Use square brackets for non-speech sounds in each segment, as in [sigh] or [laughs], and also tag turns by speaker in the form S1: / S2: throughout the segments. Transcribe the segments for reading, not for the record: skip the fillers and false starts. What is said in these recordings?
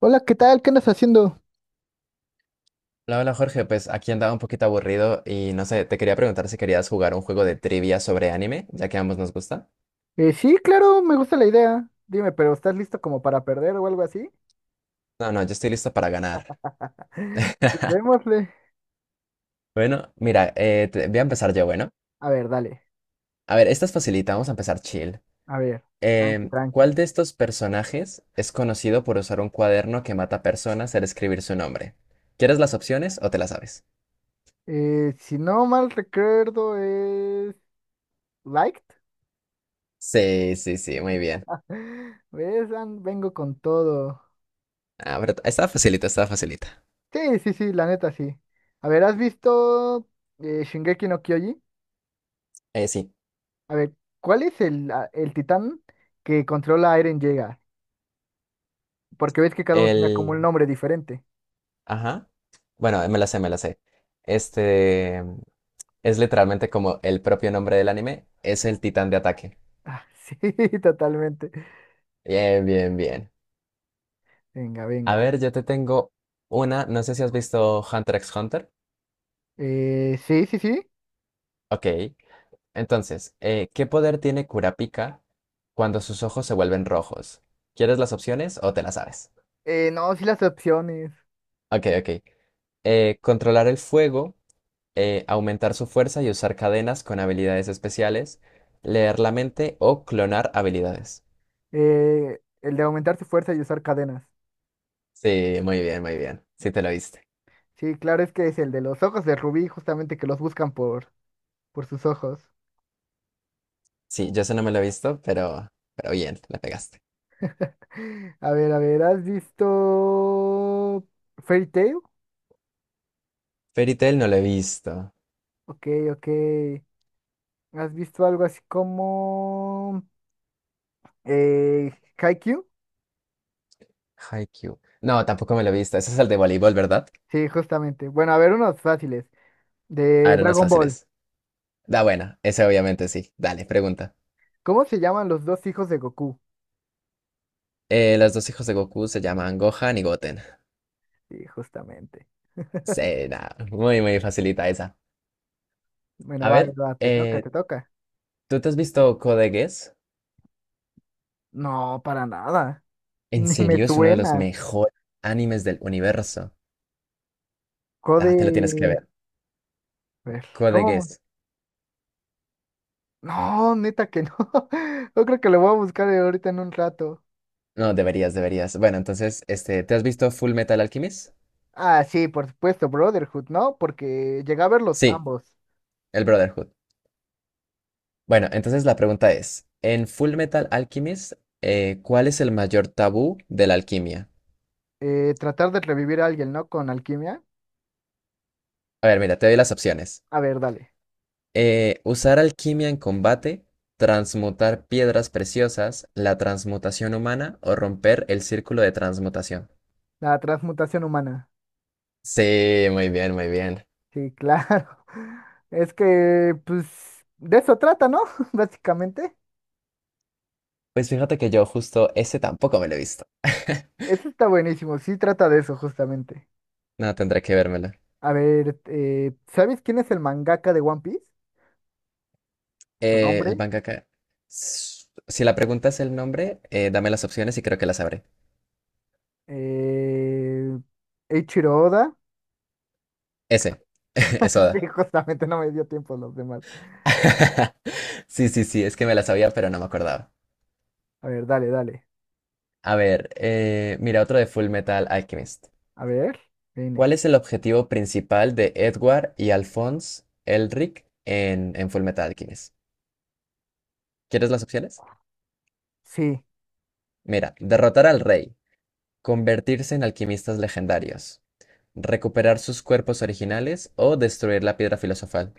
S1: Hola, ¿qué tal? ¿Qué andas haciendo?
S2: Hola, hola Jorge, pues aquí andaba un poquito aburrido y no sé, te quería preguntar si querías jugar un juego de trivia sobre anime, ya que a ambos nos gusta.
S1: Sí, claro, me gusta la idea. Dime, pero ¿estás listo como para perder o algo así?
S2: No, no, yo estoy listo para ganar.
S1: [laughs] Pues
S2: [laughs]
S1: démosle.
S2: Bueno, mira, voy a empezar yo, bueno.
S1: A ver, dale.
S2: A ver, esta es facilita, vamos a empezar chill.
S1: A ver, tranqui, tranqui.
S2: ¿Cuál de estos personajes es conocido por usar un cuaderno que mata personas al escribir su nombre? ¿Quieres las opciones o te las sabes?
S1: Si no mal recuerdo es... Liked.
S2: Sí, sí, sí, muy bien.
S1: [laughs] ¿Ves? Vengo con todo.
S2: Ah, pero estaba facilita, estaba facilita.
S1: Sí, sí, sí, la neta sí. A ver, ¿has visto Shingeki no Kyoji?
S2: Sí,
S1: A ver, ¿cuál es el titán que controla a Eren Yeager? Porque ves que cada uno tenía como un
S2: el.
S1: nombre diferente.
S2: Ajá. Bueno, me la sé, me la sé. Este es literalmente como el propio nombre del anime, es el titán de ataque.
S1: Ah, [laughs] sí, totalmente.
S2: Bien, bien, bien.
S1: Venga,
S2: A
S1: venga.
S2: ver, yo te tengo una, no sé si has visto Hunter x Hunter.
S1: Sí, sí, sí.
S2: Ok. Entonces, ¿qué poder tiene Kurapika cuando sus ojos se vuelven rojos? ¿Quieres las opciones o te las sabes?
S1: No, sí las opciones.
S2: Ok, ok. Controlar el fuego, aumentar su fuerza y usar cadenas con habilidades especiales, leer la mente o clonar habilidades.
S1: El de aumentar su fuerza y usar cadenas.
S2: Sí, muy bien, muy bien. Sí, te lo viste.
S1: Sí, claro, es que es el de los ojos de Rubí, justamente que los buscan por sus ojos.
S2: Sí, yo eso no me lo he visto, pero bien, la pegaste.
S1: [laughs] A ver, ¿has visto Fairy Tail?
S2: Fairy Tail no lo he visto.
S1: Ok, ok. ¿Has visto algo así como eh, Haikyuu?
S2: Haikyuu. No, tampoco me lo he visto. Ese es el de voleibol, ¿verdad?
S1: Sí, justamente. Bueno, a ver, unos fáciles.
S2: A
S1: De
S2: ver, unos
S1: Dragon Ball.
S2: fáciles. Da buena, ese obviamente sí. Dale, pregunta.
S1: ¿Cómo se llaman los dos hijos de Goku?
S2: Los dos hijos de Goku se llaman Gohan y Goten.
S1: Sí, justamente. [laughs]
S2: Sí, nada, muy, muy facilita esa.
S1: Bueno,
S2: A
S1: va,
S2: ver,
S1: va, te toca, te toca.
S2: ¿tú te has visto Code Geass?
S1: No, para nada. [laughs]
S2: En
S1: Ni me Dios
S2: serio, es uno de los
S1: suena.
S2: mejores animes del universo. Ah, te
S1: Code.
S2: lo tienes que ver.
S1: A ver,
S2: Code
S1: ¿cómo?
S2: Geass.
S1: No, neta que no. [laughs] Yo creo que lo voy a buscar ahorita en un rato.
S2: No, deberías, deberías. Bueno, entonces, este, ¿te has visto Full Metal Alchemist?
S1: Ah, sí, por supuesto, Brotherhood, ¿no? Porque llegué a verlos
S2: Sí,
S1: ambos.
S2: el Brotherhood. Bueno, entonces la pregunta es, en Full Metal Alchemist, ¿cuál es el mayor tabú de la alquimia?
S1: Tratar de revivir a alguien, ¿no? Con alquimia.
S2: A ver, mira, te doy las opciones.
S1: A ver, dale.
S2: Usar alquimia en combate, transmutar piedras preciosas, la transmutación humana o romper el círculo de transmutación.
S1: La transmutación humana.
S2: Sí, muy bien, muy bien.
S1: Sí, claro. [laughs] Es que, pues, de eso trata, ¿no? [laughs] Básicamente.
S2: Pues fíjate que yo justo ese tampoco me lo he visto. [laughs]
S1: Eso está buenísimo. Sí, trata de eso, justamente.
S2: No, tendré que vérmelo.
S1: A ver, ¿sabes quién es el mangaka de One Piece? Su
S2: El
S1: nombre.
S2: mangaka. s- Si la pregunta es el nombre, dame las opciones y creo que las sabré.
S1: Eh, Eiichiro Oda. [laughs]
S2: Ese, [laughs] es Oda.
S1: Sí, justamente no me dio tiempo los demás.
S2: [laughs] Sí, sí, sí, es que me la sabía, pero no me acordaba.
S1: A ver, dale, dale.
S2: A ver, mira otro de Full Metal Alchemist.
S1: A ver, viene.
S2: ¿Cuál es el objetivo principal de Edward y Alphonse Elric en Full Metal Alchemist? ¿Quieres las opciones?
S1: Sí.
S2: Mira, derrotar al rey, convertirse en alquimistas legendarios, recuperar sus cuerpos originales o destruir la piedra filosofal.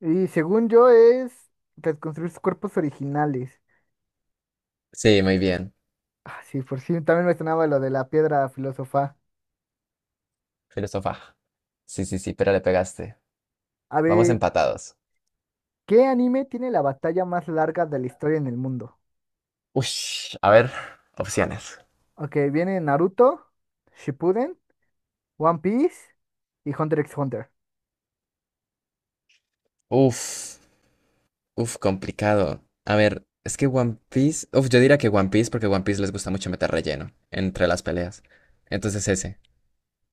S1: Y según yo es reconstruir sus cuerpos originales.
S2: Sí, muy bien.
S1: Ah, sí, por si también me sonaba lo de la piedra filósofa.
S2: Filósofa. Sí, sí, sí, pero le pegaste.
S1: A
S2: Vamos
S1: ver,
S2: empatados.
S1: ¿qué anime tiene la batalla más larga de la historia en el mundo?
S2: Uy, a ver, opciones.
S1: Ok, viene Naruto, Shippuden, One Piece y Hunter x Hunter.
S2: Uf, uf, complicado. A ver, es que One Piece. Uf, yo diría que One Piece porque One Piece les gusta mucho meter relleno entre las peleas. Entonces ese.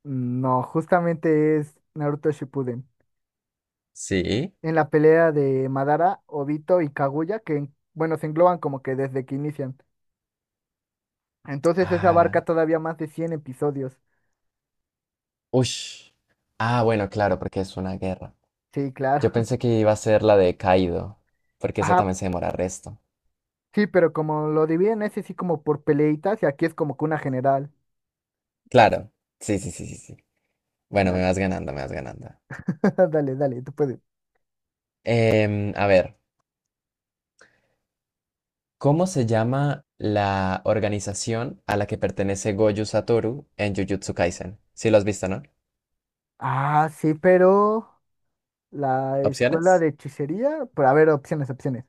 S1: No, justamente es Naruto Shippuden.
S2: Sí.
S1: En la pelea de Madara, Obito y Kaguya, que bueno, se engloban como que desde que inician. Entonces eso abarca
S2: Ah,
S1: todavía más de 100 episodios.
S2: ush. Ah, bueno, claro, porque es una guerra.
S1: Sí, claro.
S2: Yo pensé que iba a ser la de Kaido,
S1: [laughs]
S2: porque esa
S1: Ajá,
S2: también se demora resto.
S1: sí, pero como lo dividen ese sí como por peleitas y aquí es como que una general.
S2: Claro. Sí, sí, sí, sí, sí. Bueno, me
S1: Dale,
S2: vas ganando, me vas ganando.
S1: [laughs] dale, dale, tú puedes.
S2: A ver. ¿Cómo se llama la organización a la que pertenece Gojo Satoru en Jujutsu Kaisen? Si lo has visto, ¿no?
S1: Ah, sí, pero la escuela
S2: Opciones:
S1: de hechicería, por ver opciones, opciones.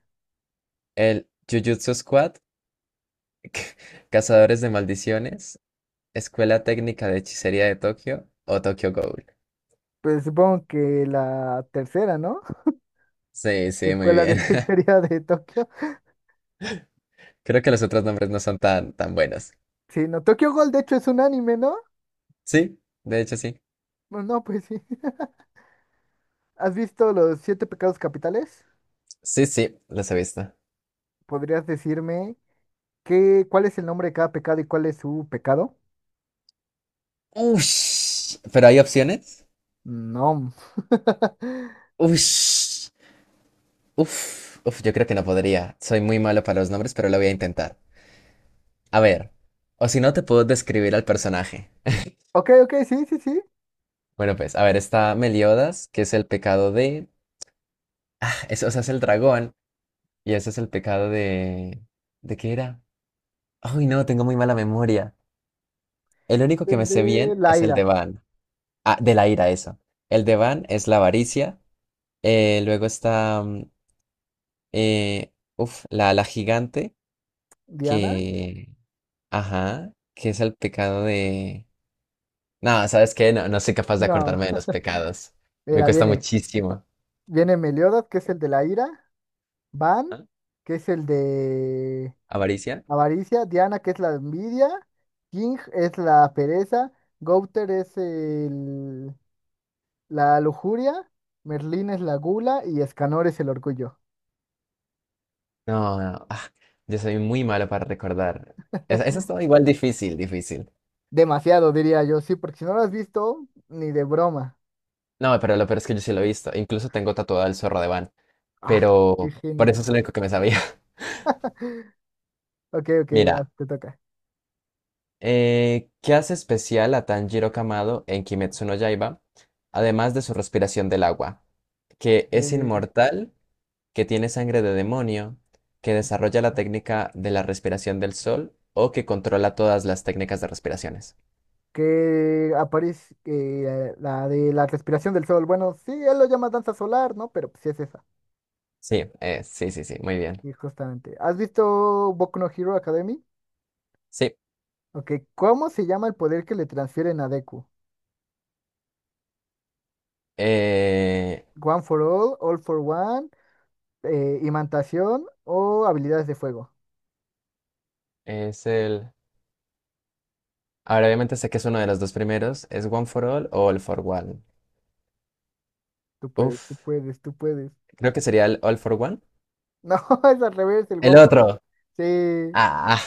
S2: el Jujutsu Squad, [laughs] Cazadores de Maldiciones, Escuela Técnica de Hechicería de Tokio o Tokyo Ghoul.
S1: Pues supongo que la tercera, ¿no? [laughs]
S2: Sí,
S1: La
S2: sí, muy
S1: escuela de
S2: bien. [laughs]
S1: hechicería de Tokio.
S2: Creo que los otros nombres no son tan, tan buenos.
S1: Sí, no. Tokyo Ghoul, de hecho, es un anime, ¿no?
S2: Sí, de hecho sí.
S1: No, no, pues sí. [laughs] ¿Has visto los siete pecados capitales?
S2: Sí, sí, los he visto.
S1: ¿Podrías decirme cuál es el nombre de cada pecado y cuál es su pecado?
S2: Ush, ¿pero hay opciones?
S1: No. [laughs]
S2: Ush, uf, uf, yo creo que no podría. Soy muy malo para los nombres, pero lo voy a intentar. A ver, o si no te puedo describir al personaje.
S1: Ok, ok, sí, sí, sí.
S2: Bueno, pues, a ver, está Meliodas, que es el pecado de... Eso, o sea, es el dragón, y ese es el pecado de... ¿De qué era? Ay, no, tengo muy mala memoria. El único que
S1: El
S2: me sé
S1: de
S2: bien
S1: la
S2: es el de
S1: ira.
S2: Van. Ah, de la ira, eso. El de Van es la avaricia. Luego está... eh, la, la gigante,
S1: Diana.
S2: que... Ajá, que es el pecado de... No, ¿sabes qué? No, no soy capaz de
S1: No.
S2: acordarme de los pecados.
S1: [laughs]
S2: Me
S1: Mira,
S2: cuesta
S1: viene.
S2: muchísimo.
S1: Viene Meliodas, que es el de la ira. Van,
S2: ¿Ah?
S1: que es el de
S2: ¿Avaricia?
S1: avaricia. Diana, que es la envidia. King es la pereza. Gouter es el... La lujuria, Merlín es la gula y Escanor es el orgullo.
S2: No, no. Ah, yo soy muy malo para recordar. Esa estaba igual difícil, difícil.
S1: Demasiado, diría yo, sí, porque si no lo has visto, ni de broma.
S2: No, pero lo peor es que yo sí lo he visto. Incluso tengo tatuado el zorro de Van.
S1: Ah, qué
S2: Pero por eso es lo
S1: genial.
S2: único que me sabía. [laughs]
S1: Ok, ok, va,
S2: Mira,
S1: te toca.
S2: ¿qué hace especial a Tanjiro Kamado en Kimetsu no Yaiba? Además de su respiración del agua. Que es
S1: Eh,
S2: inmortal, que tiene sangre de demonio, que desarrolla la técnica de la respiración del sol o que controla todas las técnicas de respiraciones.
S1: que aparece la de la respiración del sol. Bueno, sí, él lo llama danza solar, ¿no? Pero sí es esa.
S2: Sí, sí, sí, sí, muy bien.
S1: Y justamente. ¿Has visto Boku no Hero Academy?
S2: Sí,
S1: Ok, ¿cómo se llama el poder que le transfieren a Deku?
S2: eh,
S1: One for all, all for one, imantación o habilidades de fuego.
S2: es el... Ahora obviamente sé que es uno de los dos primeros. ¿Es One for All o All for One?
S1: Tú puedes, tú
S2: Uf,
S1: puedes, tú puedes.
S2: creo que sería el All for One.
S1: No, [laughs] es al revés, el
S2: El
S1: One for All.
S2: otro.
S1: Sí,
S2: Ah,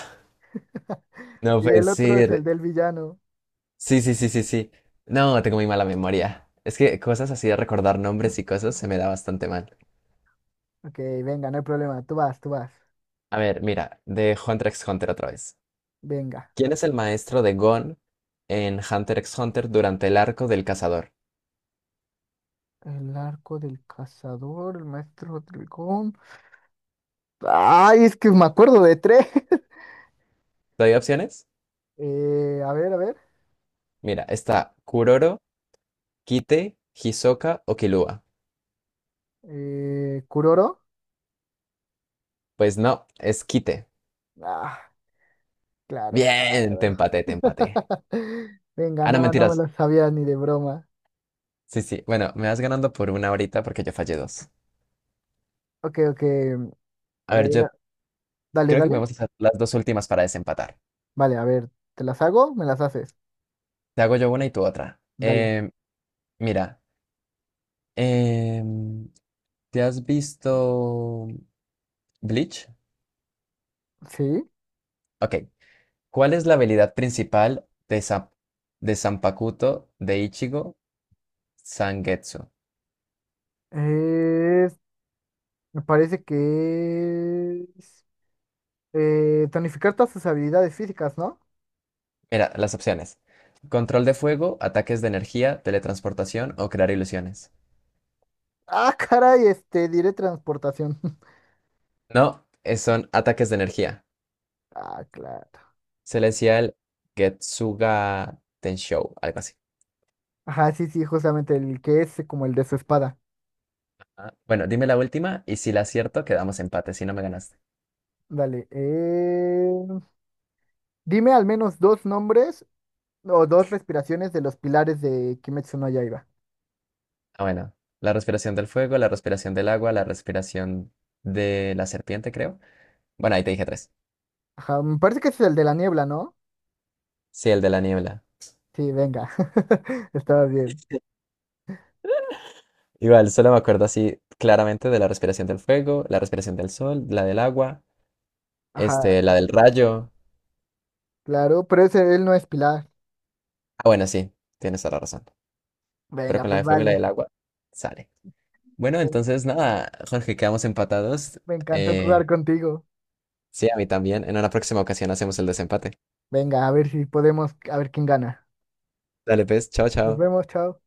S1: [laughs]
S2: no
S1: y
S2: puede
S1: el otro es el
S2: ser.
S1: del villano.
S2: Sí, sí, sí, sí, sí. No, tengo muy mala memoria. Es que cosas así de recordar nombres y cosas se me da bastante mal.
S1: Ok, venga, no hay problema. Tú vas, tú vas.
S2: A ver, mira, de Hunter x Hunter otra vez.
S1: Venga.
S2: ¿Quién es el maestro de Gon en Hunter x Hunter durante el arco del cazador?
S1: El arco del cazador, el maestro dragón. Ay, es que me acuerdo de tres. [laughs]
S2: ¿Te doy opciones?
S1: A ver, a ver.
S2: Mira, está Kuroro, Kite, Hisoka o Killua.
S1: Kuroro.
S2: Pues no, es Kite.
S1: Ah, claro,
S2: Bien,
S1: claro.
S2: te empaté, te empaté.
S1: [laughs] Venga,
S2: Ah, no,
S1: no, no me
S2: mentiras.
S1: lo sabía ni de broma.
S2: Sí, sí. Bueno, me vas ganando por una ahorita porque yo fallé dos.
S1: Ok, ok. A
S2: A ver,
S1: ver,
S2: yo
S1: dale,
S2: creo que
S1: dale.
S2: podemos hacer las dos últimas para desempatar.
S1: Vale, a ver, ¿te las hago? ¿Me las haces?
S2: Te hago yo una y tú otra.
S1: Dale.
S2: Mira, em, ¿te has visto Bleach?
S1: Sí,
S2: Ok. ¿Cuál es la habilidad principal de, de Zanpakuto de Ichigo Sangetsu?
S1: es, me parece que es tonificar todas sus habilidades físicas, ¿no?
S2: Mira, las opciones. Control de fuego, ataques de energía, teletransportación o crear ilusiones.
S1: Ah, [laughs] caray, este, diré transportación. [laughs]
S2: No, son ataques de energía.
S1: Ah, claro.
S2: Se le decía el Getsuga Tenshou, algo así.
S1: Ajá, sí, sí, justamente el que es como el de su espada.
S2: Ah, bueno, dime la última y si la acierto, quedamos empate, si no me ganaste.
S1: Dale. Dime al menos dos nombres o dos respiraciones de los pilares de Kimetsu no Yaiba.
S2: Ah, bueno. La respiración del fuego, la respiración del agua, la respiración de la serpiente, creo. Bueno, ahí te dije tres.
S1: Ajá, me parece que ese es el de la niebla, ¿no?
S2: Sí, el de la niebla.
S1: Sí, venga. [laughs] Estaba bien.
S2: Igual, solo me acuerdo así claramente de la respiración del fuego, la respiración del sol, la del agua,
S1: Ajá,
S2: este, la del rayo.
S1: claro, pero ese él no es pilar.
S2: Ah, bueno, sí, tienes toda la razón. Pero
S1: Venga,
S2: con la
S1: pues
S2: de fuego y la del
S1: vale.
S2: agua sale. Bueno, entonces nada, Jorge, quedamos empatados.
S1: Me encantó
S2: Eh,
S1: jugar contigo.
S2: sí, a mí también. En una próxima ocasión hacemos el desempate.
S1: Venga, a ver si podemos, a ver quién gana.
S2: Dale, pues, chao,
S1: Nos
S2: chao.
S1: vemos, chao.